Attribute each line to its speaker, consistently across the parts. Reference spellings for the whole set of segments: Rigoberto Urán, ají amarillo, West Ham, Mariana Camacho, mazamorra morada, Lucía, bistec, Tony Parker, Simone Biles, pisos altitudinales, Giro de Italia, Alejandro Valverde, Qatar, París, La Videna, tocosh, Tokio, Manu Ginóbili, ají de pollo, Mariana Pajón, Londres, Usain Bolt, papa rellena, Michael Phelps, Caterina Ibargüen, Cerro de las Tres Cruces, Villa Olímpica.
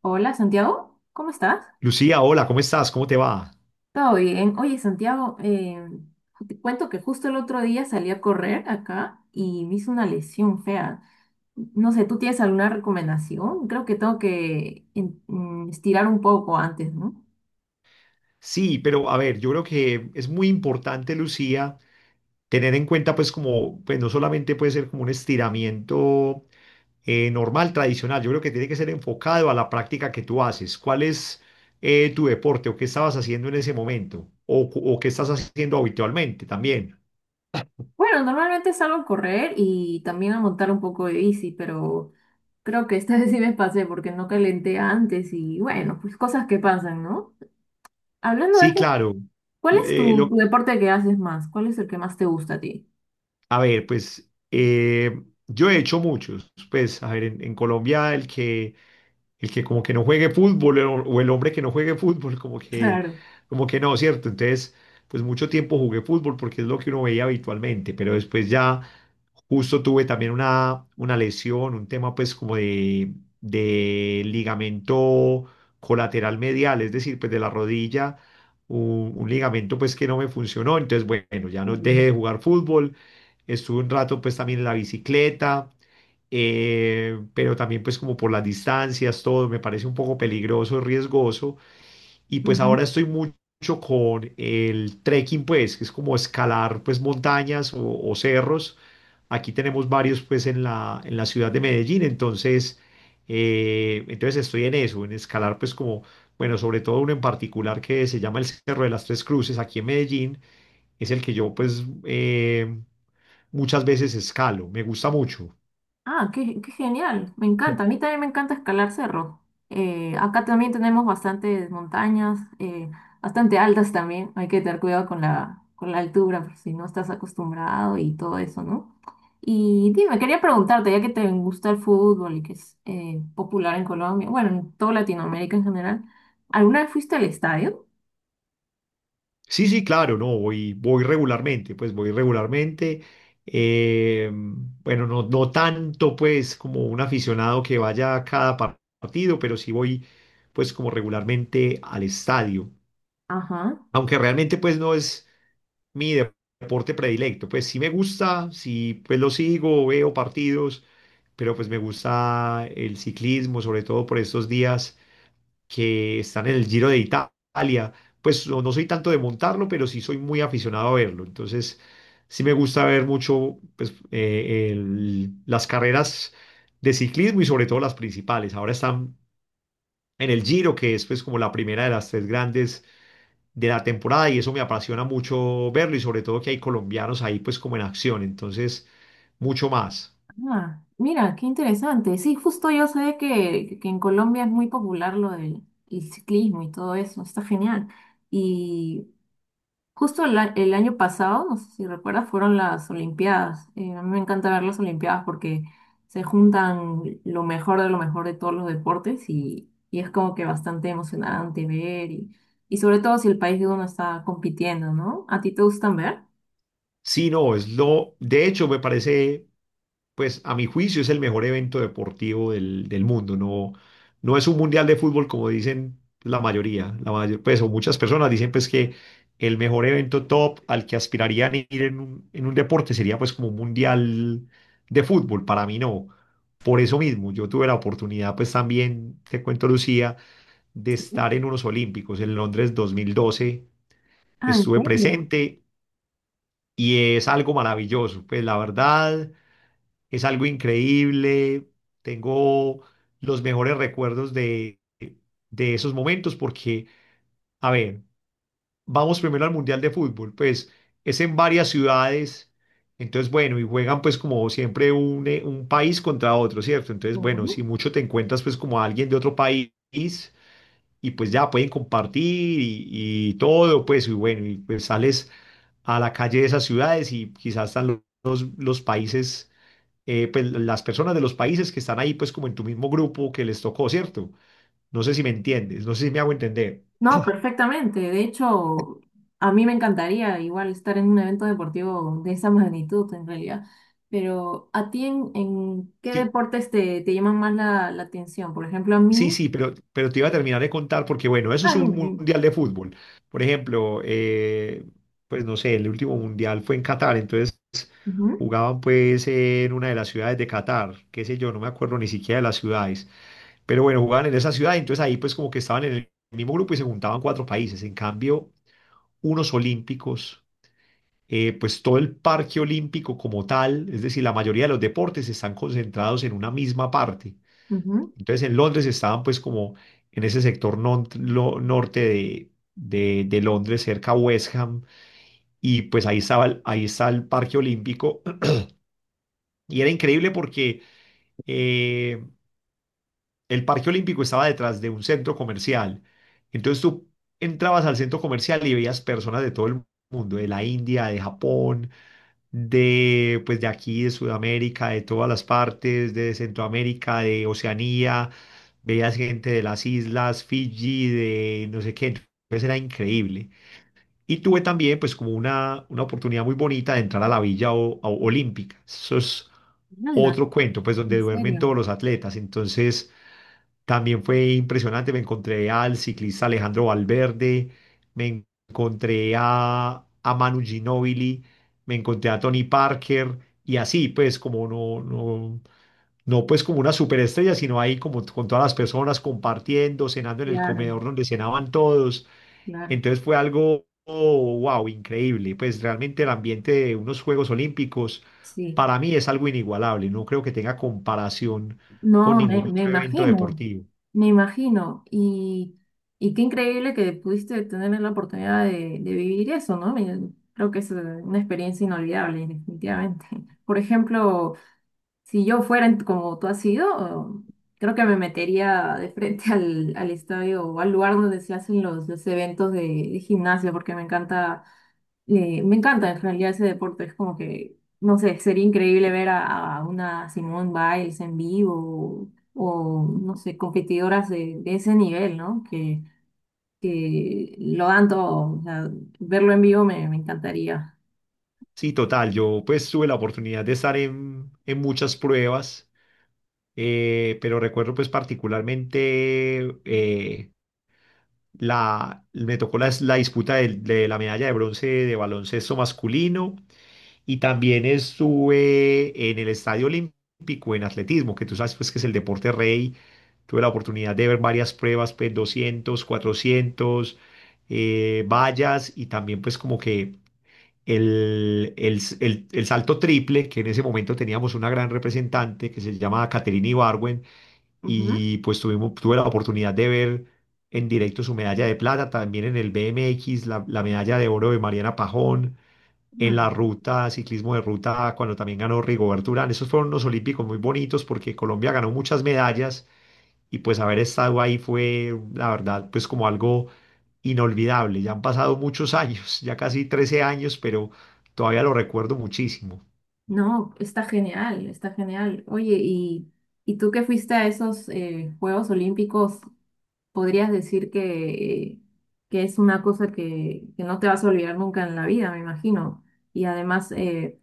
Speaker 1: Hola, Santiago, ¿cómo estás?
Speaker 2: Lucía, hola, ¿cómo estás? ¿Cómo te va?
Speaker 1: Todo bien. Oye, Santiago, te cuento que justo el otro día salí a correr acá y me hizo una lesión fea. No sé, ¿tú tienes alguna recomendación? Creo que tengo que estirar un poco antes, ¿no?
Speaker 2: Sí, pero a ver, yo creo que es muy importante, Lucía, tener en cuenta pues como, pues no solamente puede ser como un estiramiento normal, tradicional, yo creo que tiene que ser enfocado a la práctica que tú haces. ¿Cuál es tu deporte o qué estabas haciendo en ese momento? ¿O o qué estás haciendo habitualmente también?
Speaker 1: Bueno, normalmente salgo a correr y también a montar un poco de bici, pero creo que esta vez sí me pasé porque no calenté antes y bueno, pues cosas que pasan, ¿no? Hablando de
Speaker 2: Sí,
Speaker 1: eso,
Speaker 2: claro.
Speaker 1: ¿cuál es
Speaker 2: Eh,
Speaker 1: tu,
Speaker 2: lo-
Speaker 1: tu deporte que haces más? ¿Cuál es el que más te gusta a ti?
Speaker 2: a ver, pues yo he hecho muchos. Pues, a ver, en Colombia el que el que como que no juegue fútbol o el hombre que no juegue fútbol,
Speaker 1: Claro.
Speaker 2: como que no, ¿cierto? Entonces, pues mucho tiempo jugué fútbol porque es lo que uno veía habitualmente, pero después ya justo tuve también una lesión, un tema pues como de ligamento colateral medial, es decir, pues de la rodilla, un ligamento pues que no me funcionó, entonces bueno, ya no
Speaker 1: Ujú.
Speaker 2: dejé de jugar fútbol, estuve un rato pues también en la bicicleta pero también pues como por las distancias, todo me parece un poco peligroso, riesgoso, y pues
Speaker 1: Ujú.
Speaker 2: ahora estoy mucho con el trekking pues, que es como escalar pues montañas o cerros, aquí tenemos varios pues en la ciudad de Medellín, entonces, entonces estoy en eso, en escalar pues como, bueno, sobre todo uno en particular que se llama el Cerro de las Tres Cruces, aquí en Medellín, es el que yo pues muchas veces escalo, me gusta mucho.
Speaker 1: Ah, qué genial, me encanta. A mí también me encanta escalar cerros. Acá también tenemos bastantes montañas, bastante altas también. Hay que tener cuidado con la altura, por si no estás acostumbrado y todo eso, ¿no? Y dime, quería preguntarte, ya que te gusta el fútbol y que es popular en Colombia, bueno, en toda Latinoamérica en general, ¿alguna vez fuiste al estadio?
Speaker 2: Sí, sí, claro, no, voy, voy regularmente, pues voy regularmente. Eh, bueno, no, no tanto pues como un aficionado que vaya a partido, pero sí voy pues como regularmente al estadio.
Speaker 1: Ajá.
Speaker 2: Aunque realmente pues no es mi deporte predilecto, pues sí me gusta, sí pues lo sigo, veo partidos, pero pues me gusta el ciclismo, sobre todo por estos días que están en el Giro de Italia. Pues no, no soy tanto de montarlo, pero sí soy muy aficionado a verlo. Entonces, sí me gusta ver mucho pues, las carreras de ciclismo y sobre todo las principales. Ahora están en el Giro, que es pues como la primera de las tres grandes de la temporada y eso me apasiona mucho verlo y sobre todo que hay colombianos ahí pues como en acción. Entonces, mucho más.
Speaker 1: Ah, mira, qué interesante. Sí, justo yo sé que en Colombia es muy popular lo del el ciclismo y todo eso, está genial. Y justo el año pasado, no sé si recuerdas, fueron las Olimpiadas. A mí me encanta ver las Olimpiadas porque se juntan lo mejor de todos los deportes y es como que bastante emocionante ver y sobre todo si el país de uno está compitiendo, ¿no? ¿A ti te gustan ver?
Speaker 2: Sí, no, es lo, de hecho me parece pues a mi juicio es el mejor evento deportivo del mundo. No, no es un mundial de fútbol como dicen la mayoría, la mayor, pues o muchas personas dicen pues que el mejor evento top al que aspirarían ir en un deporte sería pues como un mundial de fútbol. Para mí no. Por eso mismo, yo tuve la oportunidad, pues también, te cuento Lucía, de
Speaker 1: Sí.
Speaker 2: estar en unos Olímpicos en Londres 2012.
Speaker 1: Ah, ¿en
Speaker 2: Estuve
Speaker 1: serio?
Speaker 2: presente y es algo maravilloso. Pues la verdad, es algo increíble. Tengo los mejores recuerdos de esos momentos porque, a ver, vamos primero al Mundial de Fútbol. Pues es en varias ciudades. Entonces, bueno, y juegan pues como siempre un país contra otro, ¿cierto? Entonces, bueno, si
Speaker 1: Ujú.
Speaker 2: mucho te encuentras pues como a alguien de otro país y pues ya pueden compartir y todo, pues, y bueno, y pues sales a la calle de esas ciudades y quizás están los países pues las personas de los países que están ahí, pues como en tu mismo grupo que les tocó, ¿cierto? No sé si me entiendes, no sé si me hago entender.
Speaker 1: No, perfectamente. De hecho, a mí me encantaría igual estar en un evento deportivo de esa magnitud en realidad. Pero ¿a ti en qué
Speaker 2: Sí,
Speaker 1: deportes te llaman más la atención? Por ejemplo, a
Speaker 2: sí,
Speaker 1: mí...
Speaker 2: sí, pero te iba a terminar de contar porque, bueno, eso es
Speaker 1: Ah, dime,
Speaker 2: un
Speaker 1: dime.
Speaker 2: mundial de fútbol. Por ejemplo, pues no sé, el último mundial fue en Qatar, entonces
Speaker 1: Ujú,
Speaker 2: jugaban pues en una de las ciudades de Qatar, qué sé yo, no me acuerdo ni siquiera de las ciudades, pero bueno, jugaban en esa ciudad, entonces ahí pues como que estaban en el mismo grupo y se juntaban cuatro países. En cambio, unos olímpicos pues todo el parque olímpico como tal, es decir, la mayoría de los deportes están concentrados en una misma parte.
Speaker 1: ujú.
Speaker 2: Entonces en Londres estaban pues como en ese sector norte de, de Londres, cerca a West Ham, y pues ahí estaba, ahí está el parque olímpico. Y era increíble porque eh, el parque olímpico estaba detrás de un centro comercial. Entonces tú entrabas al centro comercial y veías personas de todo el mundo, de la India, de Japón, de pues de aquí, de Sudamérica, de todas las partes, de Centroamérica, de Oceanía, veías gente de las islas, Fiji, de no sé qué, entonces era increíble. Y tuve también pues como una oportunidad muy bonita de entrar a la Villa Olímpica. Eso es
Speaker 1: Hala,
Speaker 2: otro cuento, pues donde
Speaker 1: en
Speaker 2: duermen
Speaker 1: serio.
Speaker 2: todos los atletas. Entonces también fue impresionante, me encontré al ciclista Alejandro Valverde, me encontré a Manu Ginóbili, me encontré a Tony Parker y así, pues como no pues como una superestrella, sino ahí como con todas las personas compartiendo, cenando en el
Speaker 1: Claro,
Speaker 2: comedor donde cenaban todos.
Speaker 1: claro.
Speaker 2: Entonces fue algo, wow, increíble. Pues realmente el ambiente de unos Juegos Olímpicos
Speaker 1: Sí.
Speaker 2: para mí es algo inigualable, no creo que tenga comparación con
Speaker 1: No, me,
Speaker 2: ningún
Speaker 1: me
Speaker 2: otro evento
Speaker 1: imagino,
Speaker 2: deportivo.
Speaker 1: me imagino. Y qué increíble que pudiste tener la oportunidad de vivir eso, ¿no? Me- creo que es una experiencia inolvidable, definitivamente. Por ejemplo, si yo fuera como tú has sido, creo que me metería de frente al estadio o al lugar donde se hacen los eventos de gimnasia, porque me encanta en realidad ese deporte, es como que, no sé, sería increíble ver a una Simone Biles en vivo o, no sé, competidoras de ese nivel, ¿no? Que lo dan todo, o sea, verlo en vivo me encantaría.
Speaker 2: Sí, total. Yo pues tuve la oportunidad de estar en muchas pruebas, pero recuerdo pues particularmente la, me tocó la disputa de la medalla de bronce de baloncesto masculino y también estuve en el Estadio Olímpico en atletismo, que tú sabes pues que es el deporte rey. Tuve la oportunidad de ver varias pruebas, pues 200, 400 vallas y también pues como que el, el el salto triple, que en ese momento teníamos una gran representante que se llama Caterina Ibargüen,
Speaker 1: Ujú.
Speaker 2: y pues tuvimos, tuve la oportunidad de ver en directo su medalla de plata, también en el BMX, la medalla de oro de Mariana Pajón, en la
Speaker 1: Mm.
Speaker 2: ruta, ciclismo de ruta, cuando también ganó Rigoberto Urán. Esos fueron unos olímpicos muy bonitos porque Colombia ganó muchas medallas y pues haber estado ahí fue, la verdad, pues como algo inolvidable. Ya han pasado muchos años, ya casi 13 años, pero todavía lo recuerdo muchísimo.
Speaker 1: No, está genial, está genial. Oye, y tú que fuiste a esos Juegos Olímpicos? Podrías decir que es una cosa que no te vas a olvidar nunca en la vida, me imagino. Y además,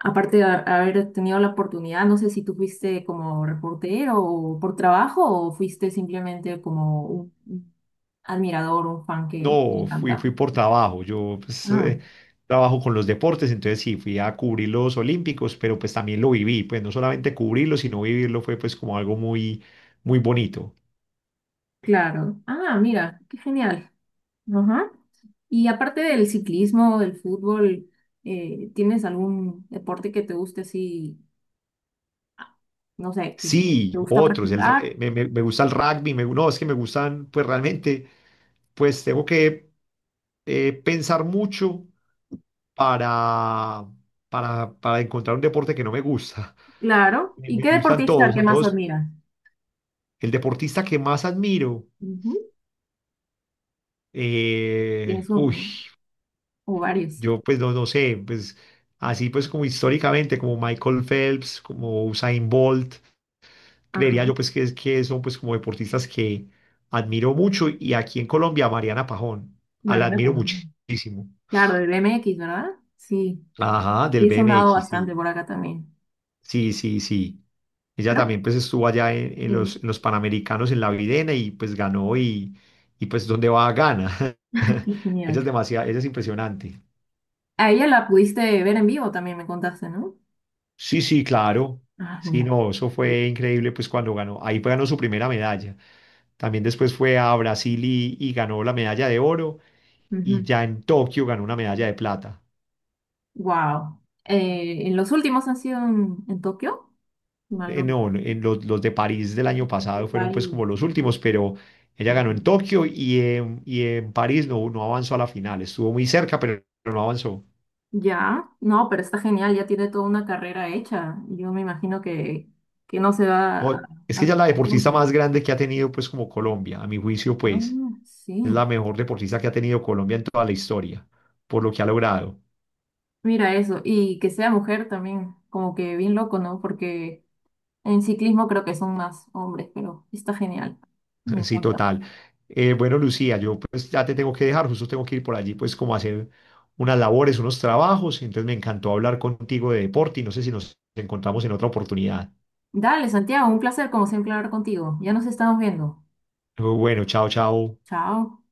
Speaker 1: aparte de haber tenido la oportunidad, no sé si tú fuiste como reportero o por trabajo o fuiste simplemente como un admirador, un fan que le
Speaker 2: No, fui, fui
Speaker 1: encanta.
Speaker 2: por trabajo, yo pues,
Speaker 1: Ah,
Speaker 2: trabajo con los deportes, entonces sí, fui a cubrir los Olímpicos, pero pues también lo viví, pues no solamente cubrirlo, sino vivirlo fue pues como algo muy, muy bonito.
Speaker 1: claro. Ah, mira, qué genial. Ajá. Y aparte del ciclismo, del fútbol, ¿tienes algún deporte que te guste así, ah, no sé, que
Speaker 2: Sí,
Speaker 1: te gusta
Speaker 2: otros. El,
Speaker 1: practicar?
Speaker 2: r- me, me- Me gusta el rugby. Me, no, es que me gustan, pues realmente, pues tengo que pensar mucho para, para encontrar un deporte que no me gusta.
Speaker 1: Claro.
Speaker 2: Me,
Speaker 1: ¿Y
Speaker 2: me
Speaker 1: qué
Speaker 2: gustan
Speaker 1: deportista el
Speaker 2: todos,
Speaker 1: que
Speaker 2: a
Speaker 1: más
Speaker 2: todos.
Speaker 1: admiras?
Speaker 2: El deportista que más admiro,
Speaker 1: Ujú.
Speaker 2: eh,
Speaker 1: Tienes
Speaker 2: uy,
Speaker 1: un o varios.
Speaker 2: yo pues no, no sé, pues así pues como históricamente, como Michael Phelps, como Usain Bolt,
Speaker 1: Ajá.
Speaker 2: creería yo pues que son pues como deportistas que admiro mucho y aquí en Colombia a Mariana Pajón, a la
Speaker 1: Mariana
Speaker 2: admiro
Speaker 1: Camacho.
Speaker 2: muchísimo.
Speaker 1: Claro, el BMX, ¿verdad? Sí.
Speaker 2: Ajá, del
Speaker 1: Sí, he sonado
Speaker 2: BMX,
Speaker 1: bastante
Speaker 2: sí,
Speaker 1: por acá también.
Speaker 2: sí, sí, sí. Ella
Speaker 1: Creo.
Speaker 2: también pues estuvo allá
Speaker 1: Sí.
Speaker 2: en los Panamericanos en La Videna y pues ganó y pues donde va gana.
Speaker 1: Qué
Speaker 2: Ella
Speaker 1: genial.
Speaker 2: es demasiado, ella es impresionante.
Speaker 1: A ella la pudiste ver en vivo también, me contaste, ¿no?
Speaker 2: Sí, sí, claro.
Speaker 1: Ah,
Speaker 2: Sí,
Speaker 1: mira.
Speaker 2: no, eso fue increíble pues cuando ganó. Ahí ganó su primera medalla. También después fue a Brasil y ganó la medalla de oro, y ya en Tokio ganó una medalla de plata.
Speaker 1: Wow. En los últimos han sido en Tokio. Si mal no
Speaker 2: No,
Speaker 1: recuerdo,
Speaker 2: en los de París del año pasado fueron pues
Speaker 1: varios.
Speaker 2: como los últimos, pero ella ganó en Tokio y en París no, no avanzó a la final. Estuvo muy cerca, pero no avanzó.
Speaker 1: Ya, no, pero está genial, ya tiene toda una carrera hecha. Yo me imagino que no se va
Speaker 2: No, es
Speaker 1: a
Speaker 2: que ella es la
Speaker 1: retirar
Speaker 2: deportista
Speaker 1: pronto.
Speaker 2: más grande que ha tenido pues como Colombia, a mi juicio pues.
Speaker 1: Ah,
Speaker 2: Es
Speaker 1: sí,
Speaker 2: la mejor deportista que ha tenido Colombia en toda la historia, por lo que ha logrado.
Speaker 1: mira eso. Y que sea mujer también, como que bien loco, ¿no? Porque en ciclismo creo que son más hombres, pero está genial. Me
Speaker 2: Sí,
Speaker 1: encanta.
Speaker 2: total. Bueno, Lucía, yo pues ya te tengo que dejar, justo tengo que ir por allí pues como a hacer unas labores, unos trabajos, entonces me encantó hablar contigo de deporte y no sé si nos encontramos en otra oportunidad.
Speaker 1: Dale, Santiago, un placer como siempre hablar contigo. Ya nos estamos viendo.
Speaker 2: Bueno, chao, chao.
Speaker 1: Chao.